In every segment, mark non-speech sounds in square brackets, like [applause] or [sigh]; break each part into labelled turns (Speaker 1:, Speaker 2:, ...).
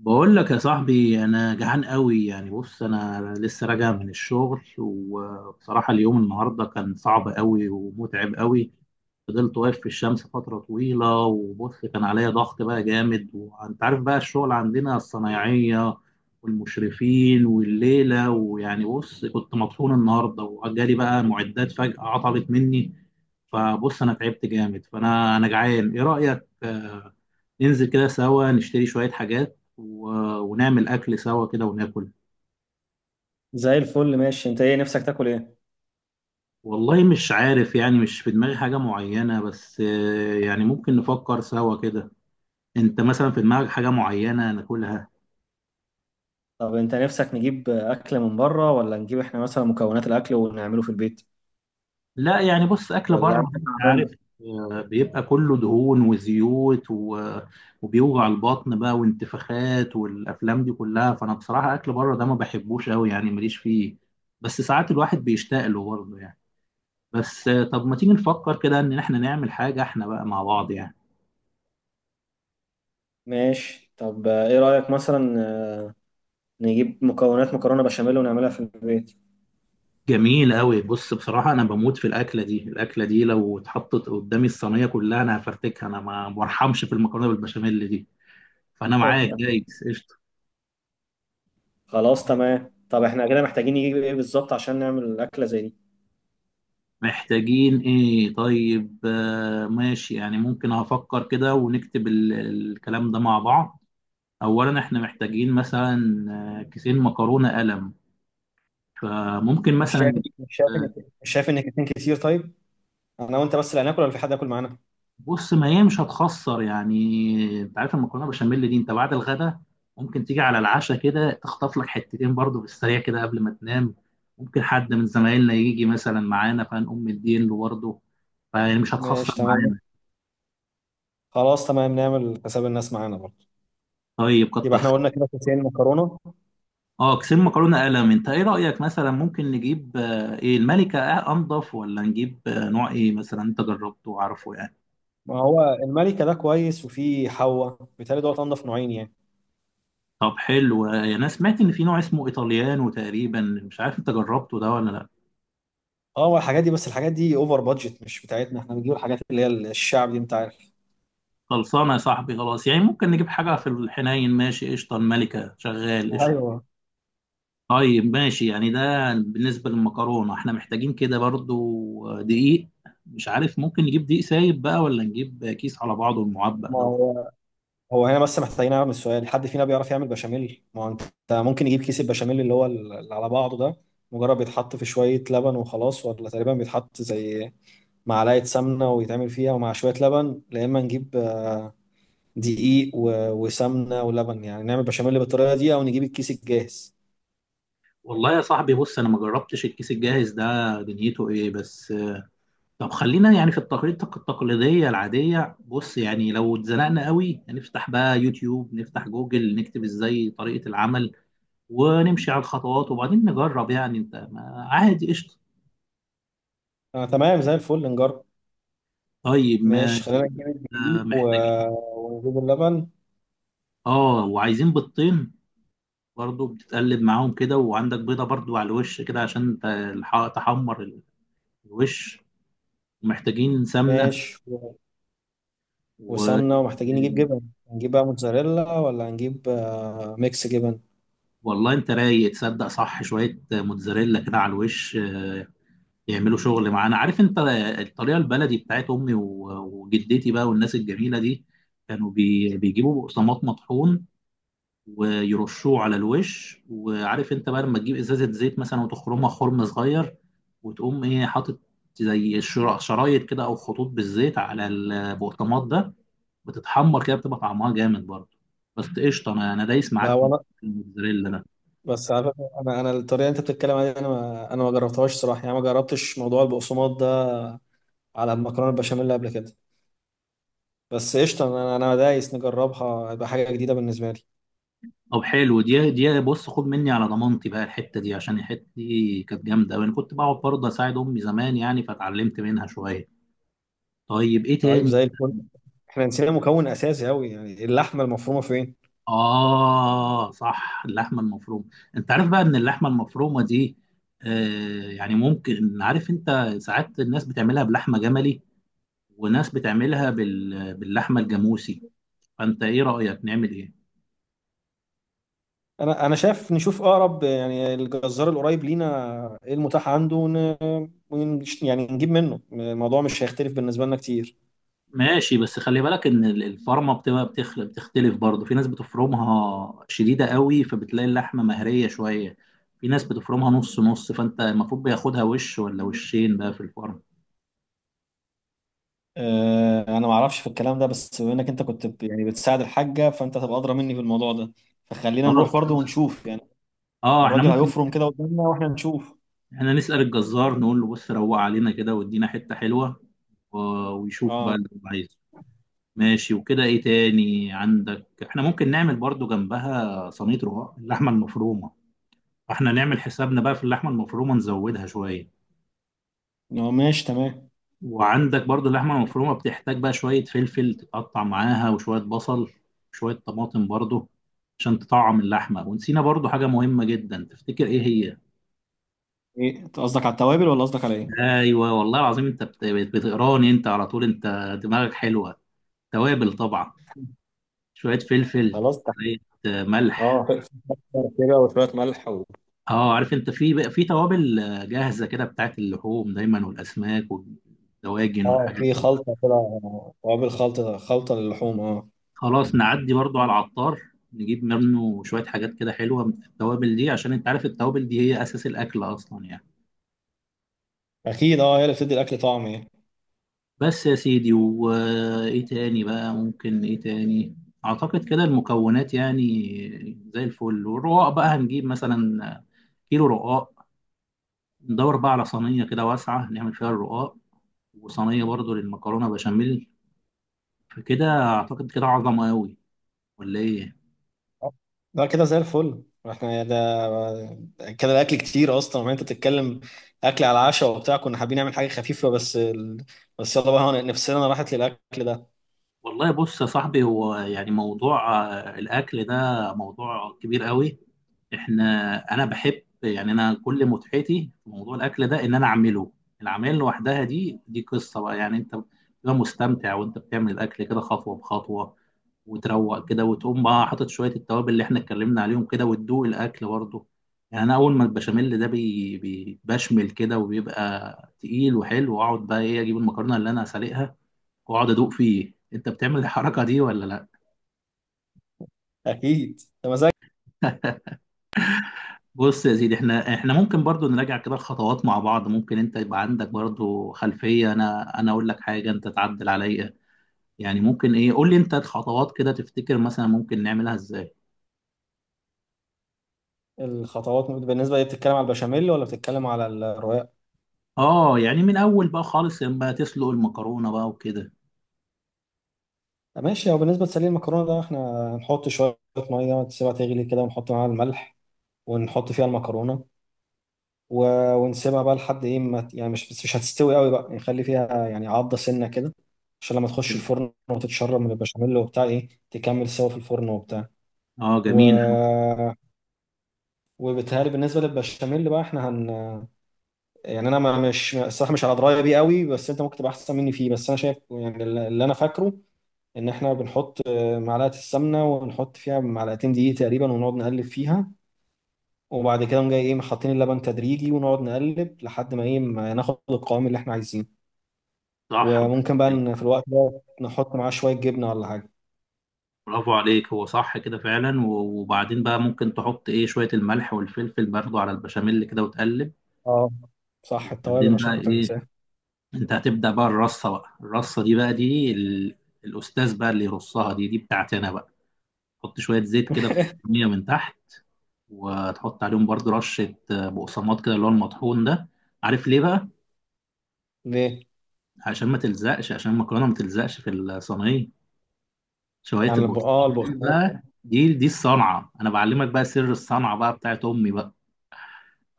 Speaker 1: بقول لك يا صاحبي انا جعان قوي. يعني بص، انا لسه راجع من الشغل، وبصراحة اليوم النهاردة كان صعب قوي ومتعب قوي. فضلت واقف في الشمس فترة طويلة، وبص كان عليا ضغط بقى جامد، وانت عارف بقى الشغل عندنا الصنايعية والمشرفين والليلة، ويعني بص كنت مطحون النهاردة، وجالي بقى معدات فجأة عطلت مني. فبص انا تعبت جامد، فانا جعان. ايه رأيك ننزل كده سوا نشتري شوية حاجات ونعمل أكل سوا كده وناكل؟
Speaker 2: زي الفل، ماشي. انت ايه نفسك تاكل ايه؟
Speaker 1: والله مش عارف، يعني مش في دماغي حاجة معينة، بس يعني ممكن نفكر سوا كده. أنت مثلا في دماغك حاجة معينة ناكلها؟
Speaker 2: طب انت نفسك نجيب اكل من بره ولا نجيب احنا مثلا مكونات الاكل ونعمله في البيت؟
Speaker 1: لا يعني بص، أكل بره
Speaker 2: ولا انت
Speaker 1: أنت
Speaker 2: تعبان؟
Speaker 1: عارف بيبقى كله دهون وزيوت وبيوجع البطن بقى، وانتفاخات، والأفلام دي كلها. فأنا بصراحة أكل بره ده ما بحبوش أوي، يعني ماليش فيه. بس ساعات الواحد بيشتاق له برضه يعني. بس طب ما تيجي نفكر كده ان احنا نعمل حاجة احنا بقى مع بعض يعني.
Speaker 2: ماشي. طب ايه رايك مثلا، نجيب مكونات مكرونه بشاميل ونعملها في البيت؟
Speaker 1: جميل قوي، بص بصراحة انا بموت في الاكلة دي، الاكلة دي لو اتحطت قدامي الصينية كلها انا هفرتكها، انا ما برحمش في المكرونة بالبشاميل دي. فانا معاك، جايز، قشطة.
Speaker 2: خلاص، تمام. طب احنا كده محتاجين نجيب ايه بالظبط عشان نعمل اكله زي دي؟
Speaker 1: محتاجين ايه طيب؟ ماشي، يعني ممكن هفكر كده ونكتب الكلام ده مع بعض. اولا احنا محتاجين مثلا كيسين مكرونة قلم، فممكن
Speaker 2: مش
Speaker 1: مثلا
Speaker 2: شايف
Speaker 1: نجيب.
Speaker 2: مش شايف ان مش شايف ان اتنين كتير؟ طيب، انا وانت بس اللي هناكل ولا في حد هياكل معانا؟
Speaker 1: بص، ما هي مش هتخسر، يعني انت عارف المكرونه بشاميل دي انت بعد الغدا ممكن تيجي على العشاء كده تخطف لك حتتين برضو بالسريع كده قبل ما تنام. ممكن حد من زمايلنا يجي مثلا معانا فنقوم مدين له برضه، فيعني مش هتخسر
Speaker 2: ماشي، تمام.
Speaker 1: معانا.
Speaker 2: خلاص تمام، نعمل حساب الناس معانا برضه.
Speaker 1: طيب،
Speaker 2: يبقى
Speaker 1: كتر
Speaker 2: احنا
Speaker 1: خير.
Speaker 2: قلنا كده كيسين مكرونه.
Speaker 1: اه، كسين مكرونه قلم. انت ايه رايك مثلا، ممكن نجيب ايه، الملكه انضف، ولا نجيب نوع ايه مثلا انت جربته وعارفه يعني؟
Speaker 2: ما هو الملكة ده كويس، وفي حوا، بيتهيألي دوت أنضف نوعين يعني.
Speaker 1: طب حلو، انا سمعت ان في نوع اسمه ايطاليانو تقريبا، مش عارف انت جربته ده ولا لا.
Speaker 2: اه، هو الحاجات دي، بس الحاجات دي اوفر بادجت، مش بتاعتنا. احنا بنجيب الحاجات اللي هي الشعب دي، انت عارف.
Speaker 1: خلصانه يا صاحبي، خلاص، يعني ممكن نجيب حاجه في الحنين، ماشي قشطه، الملكه شغال قشطه.
Speaker 2: ايوه.
Speaker 1: طيب ماشي، يعني ده بالنسبه للمكرونه. احنا محتاجين كده برضو دقيق، مش عارف ممكن نجيب دقيق سايب بقى، ولا نجيب كيس على بعضه المعبأ
Speaker 2: ما
Speaker 1: ده.
Speaker 2: هو هنا بس محتاجين نعمل سؤال: حد فينا بيعرف يعمل بشاميل؟ ما هو انت ممكن يجيب كيس البشاميل اللي هو اللي على بعضه ده، مجرد بيتحط في شوية لبن وخلاص، ولا تقريبا بيتحط زي معلقة سمنة ويتعمل فيها ومع شوية لبن؟ يا إما نجيب دقيق وسمنة ولبن، يعني نعمل بشاميل بالطريقة دي، أو نجيب الكيس الجاهز.
Speaker 1: والله يا صاحبي بص، انا ما جربتش الكيس الجاهز ده، دنيته ايه بس؟ طب خلينا يعني في التقريط التقليديه العاديه. بص يعني لو اتزنقنا قوي، هنفتح بقى يوتيوب، نفتح جوجل، نكتب ازاي طريقه العمل، ونمشي على الخطوات، وبعدين نجرب يعني. انت ما عادي، قشطه.
Speaker 2: آه تمام، زي الفل نجرب.
Speaker 1: طيب
Speaker 2: ماشي،
Speaker 1: ماشي.
Speaker 2: خلينا نجيب الدقيق و...
Speaker 1: محتاجين،
Speaker 2: ونجيب اللبن.
Speaker 1: اه، وعايزين بيضتين برضو، بتتقلب معاهم كده، وعندك بيضه برضو على الوش كده عشان تحمر الوش. ومحتاجين سمنه
Speaker 2: ماشي، و...
Speaker 1: و [laughs]
Speaker 2: وسمنة، ومحتاجين نجيب جبن. هنجيب بقى موتزاريلا ولا هنجيب آه ميكس جبن؟
Speaker 1: والله انت رايق، تصدق صح، شويه موتزاريلا كده على الوش يعملوا شغل معانا. عارف انت الطريقه البلدي بتاعت امي وجدتي بقى، والناس الجميله دي كانوا بيجيبوا بقسماط مطحون، ويرشوه على الوش. وعارف انت بقى لما تجيب ازازه زيت مثلا، وتخرمها خرم صغير، وتقوم ايه حاطط زي شرايط كده او خطوط بالزيت على البقطماط ده، بتتحمر كده، بتبقى طعمها جامد برضه. بس قشطه، انا دايس
Speaker 2: لا،
Speaker 1: معاك
Speaker 2: وانا
Speaker 1: في الموتزاريلا ده.
Speaker 2: بس على فكرة، انا الطريقة اللي انت بتتكلم عليها دي انا ما جربتهاش صراحة، يعني ما جربتش موضوع البقسماط ده على المكرونة البشاميل قبل كده. بس قشطة، انا دايس نجربها، هتبقى حاجة جديدة بالنسبة لي.
Speaker 1: طب حلو، دي بص، خد مني على ضمانتي بقى الحته دي، عشان الحته دي كانت جامده، وانا كنت بقعد برضه اساعد امي زمان يعني، فاتعلمت منها شويه. طيب ايه
Speaker 2: طيب
Speaker 1: تاني؟
Speaker 2: زي الفل. احنا نسينا مكون اساسي قوي، يعني اللحمة المفرومة فين؟
Speaker 1: آه صح، اللحمة المفرومة. أنت عارف بقى إن اللحمة المفرومة دي، آه يعني ممكن، عارف أنت ساعات الناس بتعملها بلحمة جملي، وناس بتعملها باللحمة الجاموسي. فأنت إيه رأيك نعمل إيه؟
Speaker 2: انا شايف نشوف اقرب يعني الجزار القريب لينا ايه المتاح عنده، يعني نجيب منه. الموضوع مش هيختلف بالنسبه لنا كتير.
Speaker 1: ماشي، بس خلي بالك إن الفرمة بتبقى بتختلف برضه. في ناس بتفرمها شديدة قوي، فبتلاقي اللحمة مهرية شوية. في ناس بتفرمها نص نص، فأنت المفروض بياخدها وش ولا وشين بقى في الفرن.
Speaker 2: انا ما اعرفش في الكلام ده، بس بما انك انت كنت يعني بتساعد الحاجه، فانت هتبقى ادرى مني في الموضوع ده. فخلينا نروح
Speaker 1: خلاص،
Speaker 2: برضو ونشوف يعني.
Speaker 1: اه احنا
Speaker 2: الراجل
Speaker 1: ممكن.
Speaker 2: هيفرم كده قدامنا واحنا نشوف.
Speaker 1: احنا نسأل الجزار، نقول له بص روق علينا كده وادينا حتة حلوة، و- ويشوف بقى
Speaker 2: اه.
Speaker 1: اللي هو عايزه. ماشي. وكده ايه تاني عندك؟ احنا ممكن نعمل برضو جنبها صينية رقاق اللحمة المفرومة. احنا نعمل حسابنا بقى في اللحمة المفرومة، نزودها شوية.
Speaker 2: ماشي تمام.
Speaker 1: وعندك برضو اللحمة المفرومة بتحتاج بقى شوية فلفل تتقطع معاها، وشوية بصل، شوية طماطم برضو، عشان تطعم اللحمة. ونسينا برضو حاجة مهمة جدا، تفتكر ايه هي؟
Speaker 2: ايه، انت قصدك على التوابل ولا قصدك على ايه؟
Speaker 1: ايوه والله العظيم، انت بتقراني انت على طول، انت دماغك حلوة. توابل طبعا. شوية فلفل،
Speaker 2: خلاص، تحت.
Speaker 1: شوية ملح.
Speaker 2: اه، في سكر كده وشويه ملح و...
Speaker 1: اه، عارف انت في بقى في توابل جاهزة كده بتاعت اللحوم دايما، والأسماك والدواجن
Speaker 2: اه،
Speaker 1: والحاجات
Speaker 2: في
Speaker 1: دي.
Speaker 2: خلطه كده، توابل خلطه، للحوم اه.
Speaker 1: خلاص، نعدي برضو على العطار، نجيب منه شوية حاجات كده حلوة من التوابل دي، عشان انت عارف التوابل دي هي أساس الأكل أصلا يعني.
Speaker 2: اكيد، اه، هي اللي بتدي الاكل طعم يعني.
Speaker 1: بس يا سيدي، وإيه تاني بقى ممكن؟ إيه تاني؟ أعتقد كده المكونات يعني زي الفل. والرقاق بقى هنجيب مثلا كيلو رقاق، ندور بقى على صينية كده واسعة نعمل فيها الرقاق، وصينية برضو للمكرونة بشاميل. فكده أعتقد كده عظمة أوي، ولا إيه؟
Speaker 2: لا، كده زي الفل. احنا ده كده الاكل كتير اصلا. ما انت بتتكلم اكل على العشاء وبتاع، كنا حابين نعمل حاجه خفيفه بس بس يلا بقى، نفسنا راحت للاكل ده.
Speaker 1: والله بص يا صاحبي، هو يعني موضوع الأكل ده موضوع كبير أوي. إحنا، أنا بحب يعني، أنا كل متعتي في موضوع الأكل ده إن أنا أعمله. العمل لوحدها دي قصة بقى يعني. أنت بتبقى مستمتع وأنت بتعمل الأكل كده خطوة بخطوة، وتروق كده، وتقوم بقى حاطط شويه التوابل اللي احنا اتكلمنا عليهم كده، وتدوق الاكل برضه. يعني انا اول ما البشاميل ده بشمل كده، وبيبقى تقيل وحلو، واقعد بقى ايه اجيب المكرونه اللي انا هسلقها، واقعد ادوق فيه. انت بتعمل الحركه دي ولا لا؟
Speaker 2: اكيد، ده مزاج.
Speaker 1: بص يا سيدي، احنا ممكن برضو نراجع كده الخطوات مع بعض. ممكن انت يبقى عندك برضو خلفيه، انا اقول لك حاجه انت تعدل عليا يعني. ممكن ايه، قول لي انت الخطوات كده، تفتكر مثلا ممكن نعملها ازاي؟
Speaker 2: الخطوات بالنسبه دي بتتكلم على البشاميل ولا بتتكلم على الرقاق؟
Speaker 1: اه، يعني من اول بقى خالص، لما تسلق المكرونه بقى وكده.
Speaker 2: ماشي. او بالنسبه لسليم المكرونه ده، احنا هنحط شويه ميه، تسيبها تغلي كده، ونحط معاها الملح، ونحط فيها المكرونه و... ونسيبها بقى لحد ايه، ما ت- يعني مش هتستوي قوي بقى، يعني خلي فيها يعني عضة سنة كده، عشان لما تخش الفرن وتتشرب من البشاميل وبتاع ايه، تكمل سوا في الفرن وبتاع.
Speaker 1: اه
Speaker 2: و...
Speaker 1: جميل.
Speaker 2: [hesitation] وبالتهيألي بالنسبة للبشاميل بقى احنا هن [hesitation] يعني انا ما مش الصراحة مش على دراية بيه قوي، بس انت ممكن تبقى احسن مني فيه. بس انا شايف، يعني اللي انا فاكره ان احنا بنحط [hesitation] معلقة السمنة، ونحط فيها معلقتين دقيق تقريبا، ونقعد نقلب فيها، وبعد كده نقوم جاي ايه حاطين اللبن تدريجي، ونقعد نقلب لحد ما ايه ما ناخد القوام اللي احنا عايزينه.
Speaker 1: صح.
Speaker 2: وممكن بقى إن في الوقت ده نحط معاه شوية جبنة ولا حاجة.
Speaker 1: برافو عليك، هو صح كده فعلا. وبعدين بقى ممكن تحط ايه شوية الملح والفلفل برضو على البشاميل كده وتقلب.
Speaker 2: اه، صح، التوابل،
Speaker 1: وبعدين
Speaker 2: عشان
Speaker 1: بقى
Speaker 2: كنت
Speaker 1: ايه،
Speaker 2: أنساه.
Speaker 1: انت هتبدأ بقى الرصة، بقى الرصة دي بقى دي الأستاذ بقى اللي يرصها دي، دي بتاعتنا بقى. تحط شوية زيت كده في الصينية من تحت، وتحط عليهم برضو رشة بقسماط كده، اللي هو المطحون ده. عارف ليه بقى؟
Speaker 2: ليه؟
Speaker 1: عشان ما تلزقش، عشان المكرونة ما تلزقش في الصينية. شوية
Speaker 2: يعني آه،
Speaker 1: البطاطا دي
Speaker 2: البقسماط.
Speaker 1: بقى، دي الصنعة، أنا بعلمك بقى سر الصنعة بقى بتاعت أمي بقى.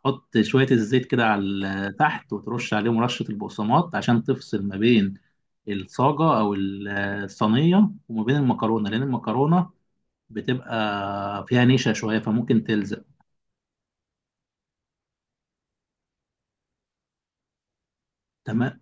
Speaker 1: حط شوية الزيت كده على تحت، وترش عليهم رشة البقسماط، عشان تفصل ما بين الصاجة أو الصينية وما بين المكرونة، لأن المكرونة بتبقى فيها نشا شوية، فممكن تلزق. تمام.